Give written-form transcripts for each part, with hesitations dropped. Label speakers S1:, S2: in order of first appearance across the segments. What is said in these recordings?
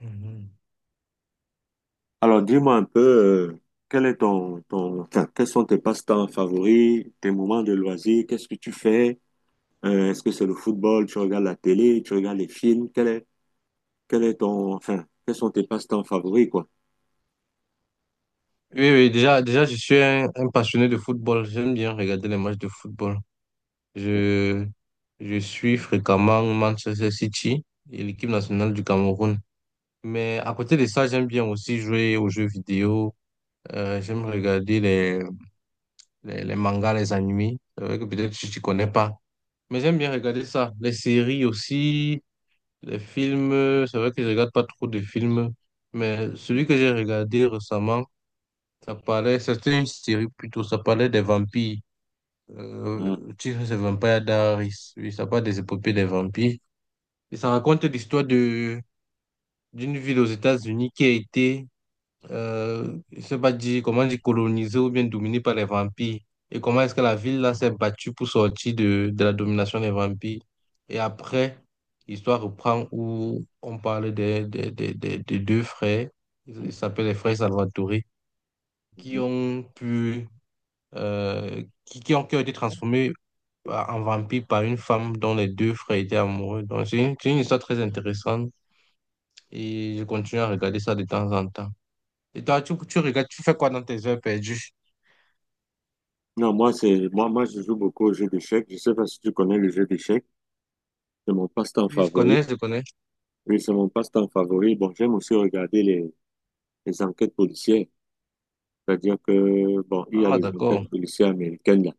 S1: Mhm.
S2: Alors, dis-moi un peu, quel est quels sont tes passe-temps favoris, tes moments de loisirs, qu'est-ce que tu fais? Est-ce que c'est le football, tu regardes la télé, tu regardes les films, quel est quels sont tes passe-temps favoris, quoi?
S1: Oui, oui, déjà, déjà, je suis un passionné de football. J'aime bien regarder les matchs de football. Je, je suis fréquemment Manchester City et l'équipe nationale du Cameroun. Mais à côté de ça, j'aime bien aussi jouer aux jeux vidéo. J'aime regarder les mangas, les animés. C'est vrai que peut-être tu ne connais pas. Mais j'aime bien regarder ça. Les séries aussi, les films. C'est vrai que je regarde pas trop de films. Mais celui que j'ai regardé récemment, ça parlait, c'était une série plutôt, ça parlait des vampires. Euh,
S2: Hein,
S1: le titre, c'est Vampire Diaries. Oui, ça parle des épopées des vampires. Et ça raconte l'histoire de d'une ville aux États-Unis qui a été, je sais pas dire, comment dire, colonisée ou bien dominée par les vampires. Et comment est-ce que la ville là s'est battue pour sortir de la domination des vampires. Et après, l'histoire reprend où on parle des deux frères,
S2: hein,
S1: ils s'appellent les frères Salvatore, qui
S2: hein.
S1: ont pu qui ont été transformés en vampires par une femme dont les deux frères étaient amoureux. Donc, c'est une histoire très intéressante et je continue à regarder ça de temps en temps. Et toi, tu regardes, tu fais quoi dans tes heures perdues?
S2: Non, moi, je joue beaucoup aux jeux d'échecs. Je sais pas si tu connais le jeu d'échecs. C'est mon passe-temps
S1: Oui, je
S2: favori.
S1: connais, je connais.
S2: Oui, c'est mon passe-temps favori. Bon, j'aime aussi regarder les enquêtes policières. C'est-à-dire que, bon, il y a
S1: Ah,
S2: des
S1: d'accord.
S2: enquêtes policières américaines.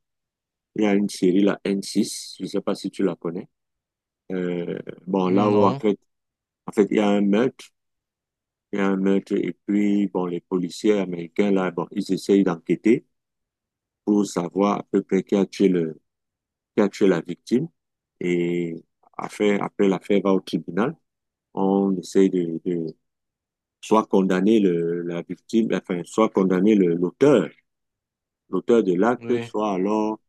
S2: Il y a une série, la N6, je ne sais pas si tu la connais. Euh, bon, là où
S1: Non,
S2: en fait, il y a un meurtre, il y a un meurtre, et puis, bon, les policiers américains, là, bon, ils essayent d'enquêter pour savoir à peu près qui a tué la victime. Et après, l'affaire va au tribunal. On essaie de soit condamner le, la victime, enfin, soit condamner l'auteur, l'auteur de l'acte,
S1: oui.
S2: soit alors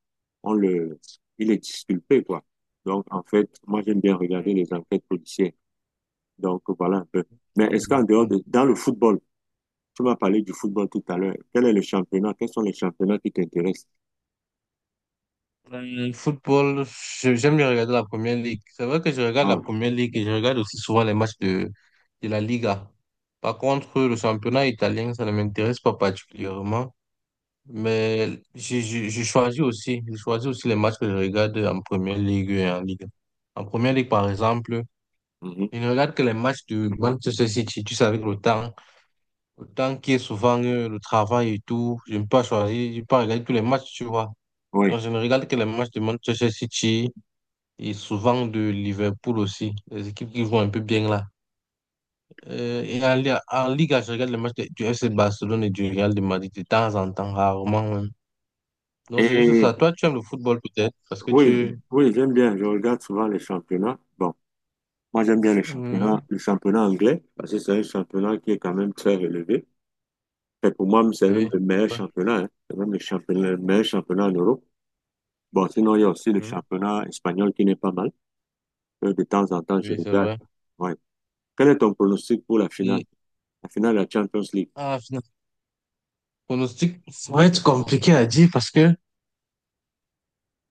S2: on le, il est disculpé, quoi. Donc, en fait, moi, j'aime bien regarder
S1: Hum.
S2: les enquêtes policières. Donc, voilà un peu. Mais est-ce qu'en dehors
S1: Bon.
S2: de, dans le football, tu m'as parlé du football tout à l'heure. Quel est le championnat? Quels sont les championnats qui t'intéressent?
S1: Le football, j'aime bien regarder la première ligue. C'est vrai que je regarde la
S2: Ah,
S1: première ligue et je regarde aussi souvent les matchs de la Liga. Par contre, le championnat italien, ça ne m'intéresse pas particulièrement. Mais j'ai choisi aussi les matchs que je regarde en première ligue et en ligue. En première ligue, par exemple,
S2: mhm,
S1: je ne regarde que les matchs de Manchester City. Tu sais, avec le temps qui est souvent le travail et tout, je ne peux pas choisir, je ne peux pas regarder tous les matchs, tu vois.
S2: oui.
S1: Donc, je ne regarde que les matchs de Manchester City et souvent de Liverpool aussi, les équipes qui vont un peu bien là. Et en ligue je regarde les matchs du FC Barcelone et du Real de Madrid de temps en temps, rarement, hein. Non,
S2: Et
S1: c'est juste ça. Toi, tu aimes le football peut-être parce que
S2: oui,
S1: tu...
S2: oui, j'aime bien. Je regarde souvent les championnats. Bon, moi j'aime bien les championnats,
S1: Mhm.
S2: le championnat anglais, parce que c'est un championnat qui est quand même très élevé. Et pour moi, c'est même
S1: Oui,
S2: le
S1: c'est
S2: meilleur
S1: vrai.
S2: championnat, hein. C'est même le meilleur championnat en Europe. Bon, sinon, il y a aussi le
S1: Mhm.
S2: championnat espagnol qui n'est pas mal. De temps en temps, je
S1: Oui, c'est
S2: regarde.
S1: vrai.
S2: Ouais. Quel est ton pronostic pour la finale?
S1: Et
S2: La finale de la Champions League.
S1: ah, final... pronostic, ça va être compliqué à dire parce que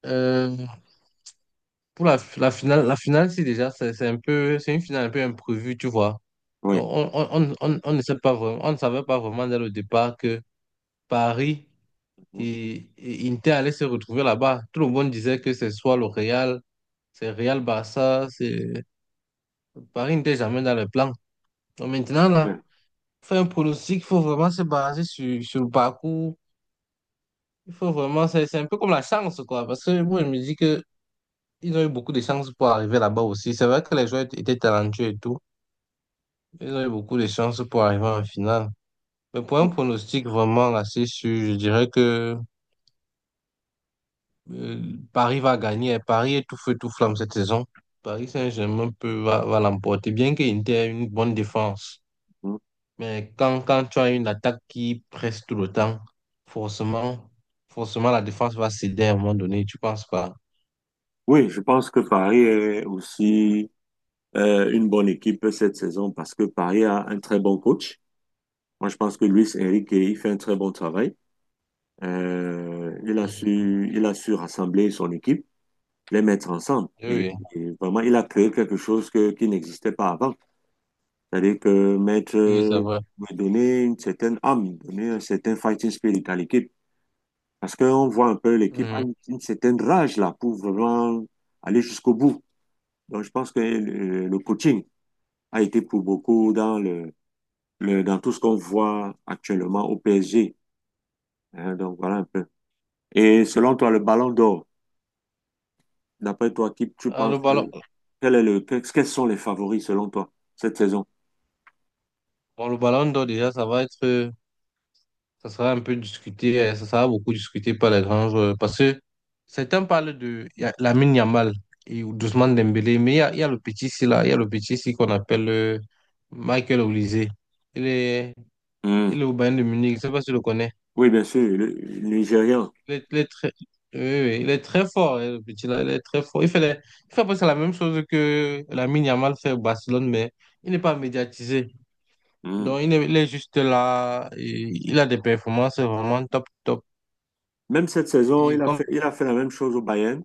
S1: euh, pour la finale, c'est déjà, c'est un peu, c'est une finale un peu imprévue, tu vois.
S2: Oui.
S1: Donc, on ne sait pas vraiment, on ne savait pas vraiment dès le départ que Paris et Inter allaient se retrouver là-bas. Tout le monde disait que c'est soit le Real, c'est Real Barça, c'est Paris n'était jamais dans le plan. Donc maintenant, là, faire un pronostic, il faut vraiment se baser sur le parcours. Il faut vraiment, c'est un peu comme la chance, quoi. Parce que moi, je me dis que ils ont eu beaucoup de chance pour arriver là-bas aussi. C'est vrai que les joueurs étaient talentueux et tout. Ils ont eu beaucoup de chance pour arriver en finale. Mais pour un pronostic vraiment assez sûr, je dirais que euh, Paris va gagner. Paris est tout feu, tout flamme cette saison. Paris Saint-Germain va l'emporter, bien qu'il ait une bonne défense. Mais quand tu as une attaque qui presse tout le temps, forcément, forcément la défense va céder à un moment donné, tu penses pas?
S2: Oui, je pense que Paris est aussi une bonne équipe cette saison parce que Paris a un très bon coach. Moi, je pense que Luis Enrique, il fait un très bon travail.
S1: Mhm.
S2: Il a su rassembler son équipe, les mettre ensemble.
S1: Oui, oui.
S2: Et vraiment, il a créé quelque chose qui n'existait pas avant. C'est-à-dire que Maître
S1: Oui, c'est vrai.
S2: veut donner une certaine âme, donner un certain fighting spirit à l'équipe. Parce qu'on voit un peu l'équipe a
S1: Mhm.
S2: une certaine rage là pour vraiment aller jusqu'au bout. Donc je pense que le coaching a été pour beaucoup dans le dans tout ce qu'on voit actuellement au PSG, hein. Donc voilà un peu. Et selon toi, le Ballon d'Or, d'après toi, qui tu
S1: Ah, le
S2: penses que
S1: ballon,
S2: quel est quels sont les favoris selon toi cette saison?
S1: bon, le ballon d'or, déjà, ça va être, ça sera un peu discuté, ça sera beaucoup discuté par les grands joueurs. Parce que certains parlent de Lamine Yamal et Ousmane Dembélé, mais il y a le petit ici, là, il y a le petit ici qu'on appelle Michael Olise. Il est,
S2: Hmm.
S1: il est au Bayern de Munich, je ne sais pas si tu le connais.
S2: Oui, bien sûr, le Nigérian.
S1: Il est, il est très, oui, oui, il est très fort, hein, le petit là, il est très fort. Il fait presque la même chose que Lamine Yamal fait au Barcelone, mais il n'est pas médiatisé.
S2: Mm.
S1: Donc, il est juste là, et il a des performances vraiment top, top.
S2: Même cette saison,
S1: Et comme
S2: il a fait la même chose au Bayern.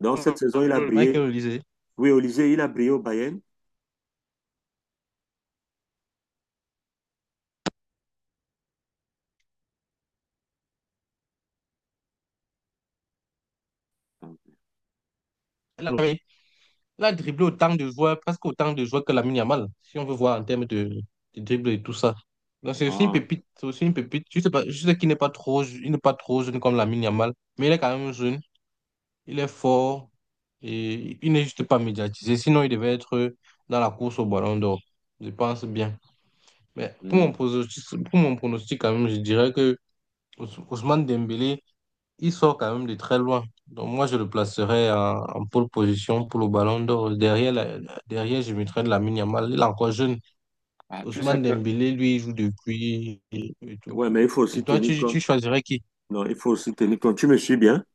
S2: Donc, cette saison, il a brillé.
S1: Michael le disait,
S2: Oui, Olysée, il a brillé au Bayern.
S1: il a, il a dribblé autant de joueurs, presque autant de joueurs que Lamine Yamal, si on veut voir en termes de dribble et tout ça. Donc,
S2: Ah,
S1: c'est aussi une pépite. Je sais pas, je sais qu'il n'est pas trop, il n'est pas trop jeune comme Lamine Yamal, mais il est quand même jeune. Il est fort et il n'est juste pas médiatisé. Sinon, il devait être dans la course au ballon d'or. Je pense bien. Mais
S2: hmm.
S1: pour mon pronostic quand même, je dirais que Ousmane Dembélé, il sort quand même de très loin. Donc moi, je le placerai en pole position pour le ballon d'or. Derrière, derrière, je mettrai de la Yamal. Il est encore jeune.
S2: Ah, tu sais
S1: Ousmane
S2: que,
S1: Dembélé, lui, il joue depuis et tout.
S2: ouais, mais il faut
S1: Et
S2: aussi
S1: toi,
S2: tenir
S1: tu
S2: compte.
S1: choisirais qui?
S2: Non, il faut aussi tenir compte. Tu me suis bien?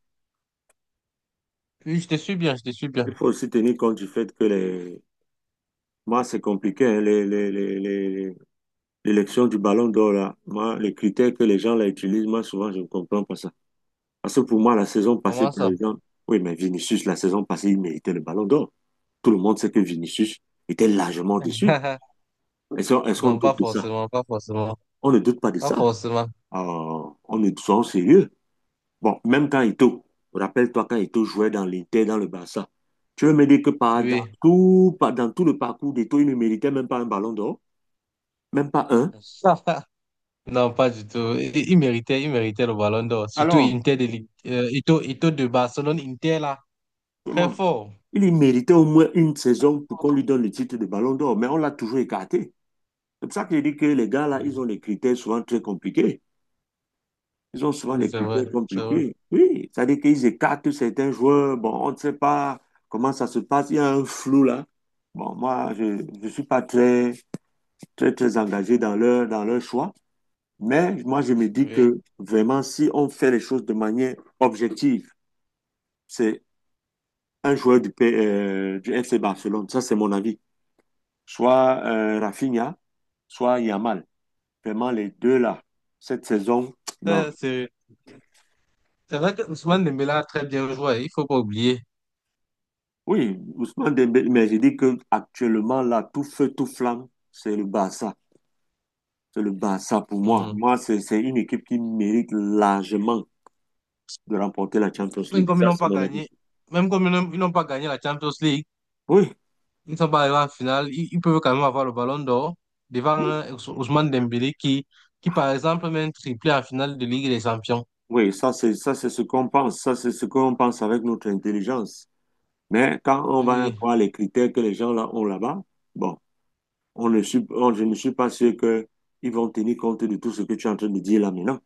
S1: Oui, je te suis bien, je te suis bien.
S2: Il faut aussi tenir compte du fait que les. Moi, c'est compliqué, hein, l'élection du ballon d'or, là. Moi, les critères que les gens là, utilisent, moi, souvent, je ne comprends pas ça. Parce que pour moi, la saison passée,
S1: Comment
S2: par
S1: ça?
S2: exemple, oui, mais Vinicius, la saison passée, il méritait le ballon d'or. Tout le monde sait que Vinicius était largement déçu. Est-ce qu'on
S1: Non, pas
S2: doute de ça?
S1: forcément, pas forcément.
S2: On ne doute pas de
S1: Pas
S2: ça.
S1: forcément,
S2: Soyons sérieux. Bon, même quand Ito, rappelle-toi quand Ito jouait dans l'Inter, dans le Barça, tu veux me dire que
S1: oui.
S2: dans tout le parcours d'Ito, il ne méritait même pas un ballon d'or? Même pas un?
S1: Non, pas du tout. Il méritait le ballon d'or. Surtout
S2: Alors,
S1: Inter de, Ito, Ito de Barcelone, Inter là, très
S2: comment?
S1: fort.
S2: Il y méritait au moins une saison pour qu'on lui donne le titre de ballon d'or, mais on l'a toujours écarté. C'est pour ça que je dis que les gars, là, ils
S1: Mhm.
S2: ont des critères souvent très compliqués. Ils ont souvent
S1: Oui,
S2: des
S1: c'est vrai,
S2: critères
S1: c'est vrai.
S2: compliqués. Oui, ça veut dire qu'ils écartent certains joueurs. Bon, on ne sait pas comment ça se passe. Il y a un flou là. Bon, moi, je ne suis pas très engagé dans dans leur choix. Mais moi, je me dis
S1: Oui.
S2: que vraiment, si on fait les choses de manière objective, c'est un joueur du FC Barcelone. Ça, c'est mon avis. Soit Rafinha, soit Yamal. Vraiment, les deux là, cette saison, non.
S1: Euh, C'est c'est vrai que Ousmane Dembélé a très bien joué, il faut pas oublier.
S2: Oui, Ousmane Dembélé, mais j'ai dit que actuellement là, tout feu, tout flamme, c'est le Barça. C'est le Barça pour moi.
S1: Mhm.
S2: Moi, c'est une équipe qui mérite largement de remporter la Champions
S1: Même
S2: League.
S1: comme ils
S2: Ça,
S1: n'ont
S2: c'est
S1: pas
S2: mon avis.
S1: gagné, même comme ils n'ont pas gagné la Champions League,
S2: Oui,
S1: ils ne sont pas arrivés en finale, ils peuvent quand même avoir le ballon d'or devant un Ousmane Dembélé qui
S2: ah,
S1: par exemple met un triplé en finale de Ligue des Champions.
S2: oui, ça c'est ce qu'on pense. Ça c'est ce qu'on pense avec notre intelligence. Mais quand on va
S1: Oui.
S2: voir les critères que les gens là ont là-bas, bon, on ne suis, on- je ne suis pas sûr que ils vont tenir compte de tout ce que tu es en train de dire là maintenant.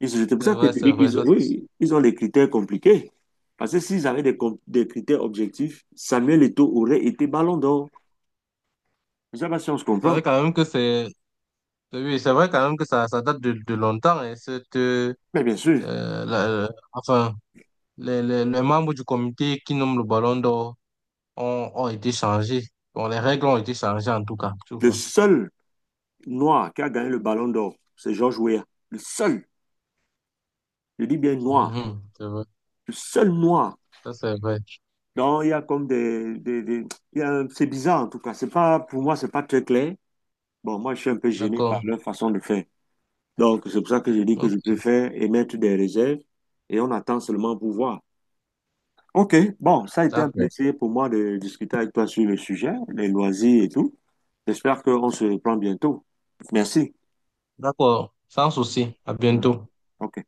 S2: C'est pour ça que tu
S1: C'est
S2: dis
S1: vrai,
S2: qu'ils ont,
S1: ça c'est sûr.
S2: oui, ils ont des critères compliqués. Parce que s'ils avaient des critères objectifs, Samuel Eto'o aurait été ballon d'or. Je ne sais pas si on se
S1: C'est vrai
S2: comprend.
S1: quand même que c'est, oui, c'est vrai quand même que ça date de longtemps, et cette,
S2: Mais bien sûr,
S1: enfin, les membres du comité qui nomment le Ballon d'Or ont été changés. Bon, les règles ont été changées en tout cas, tu
S2: le
S1: vois.
S2: seul noir qui a gagné le ballon d'or, c'est George Weah. Le seul, je dis bien noir,
S1: Mhm, c'est vrai,
S2: le seul noir.
S1: ça c'est vrai.
S2: Donc, il y a comme des- il y a un- c'est bizarre en tout cas. C'est pas, pour moi, c'est pas très clair. Bon, moi, je suis un peu gêné par
S1: D'accord.
S2: leur façon de faire. Donc, c'est pour ça que je dis que
S1: Ok,
S2: je préfère émettre des réserves et on attend seulement pour voir. Ok, bon, ça a été un
S1: d'accord.
S2: plaisir pour moi de discuter avec toi sur le sujet, les loisirs et tout. J'espère qu'on se reprend bientôt. Merci.
S1: D'accord, sans souci. À
S2: Mm.
S1: bientôt.
S2: Ok.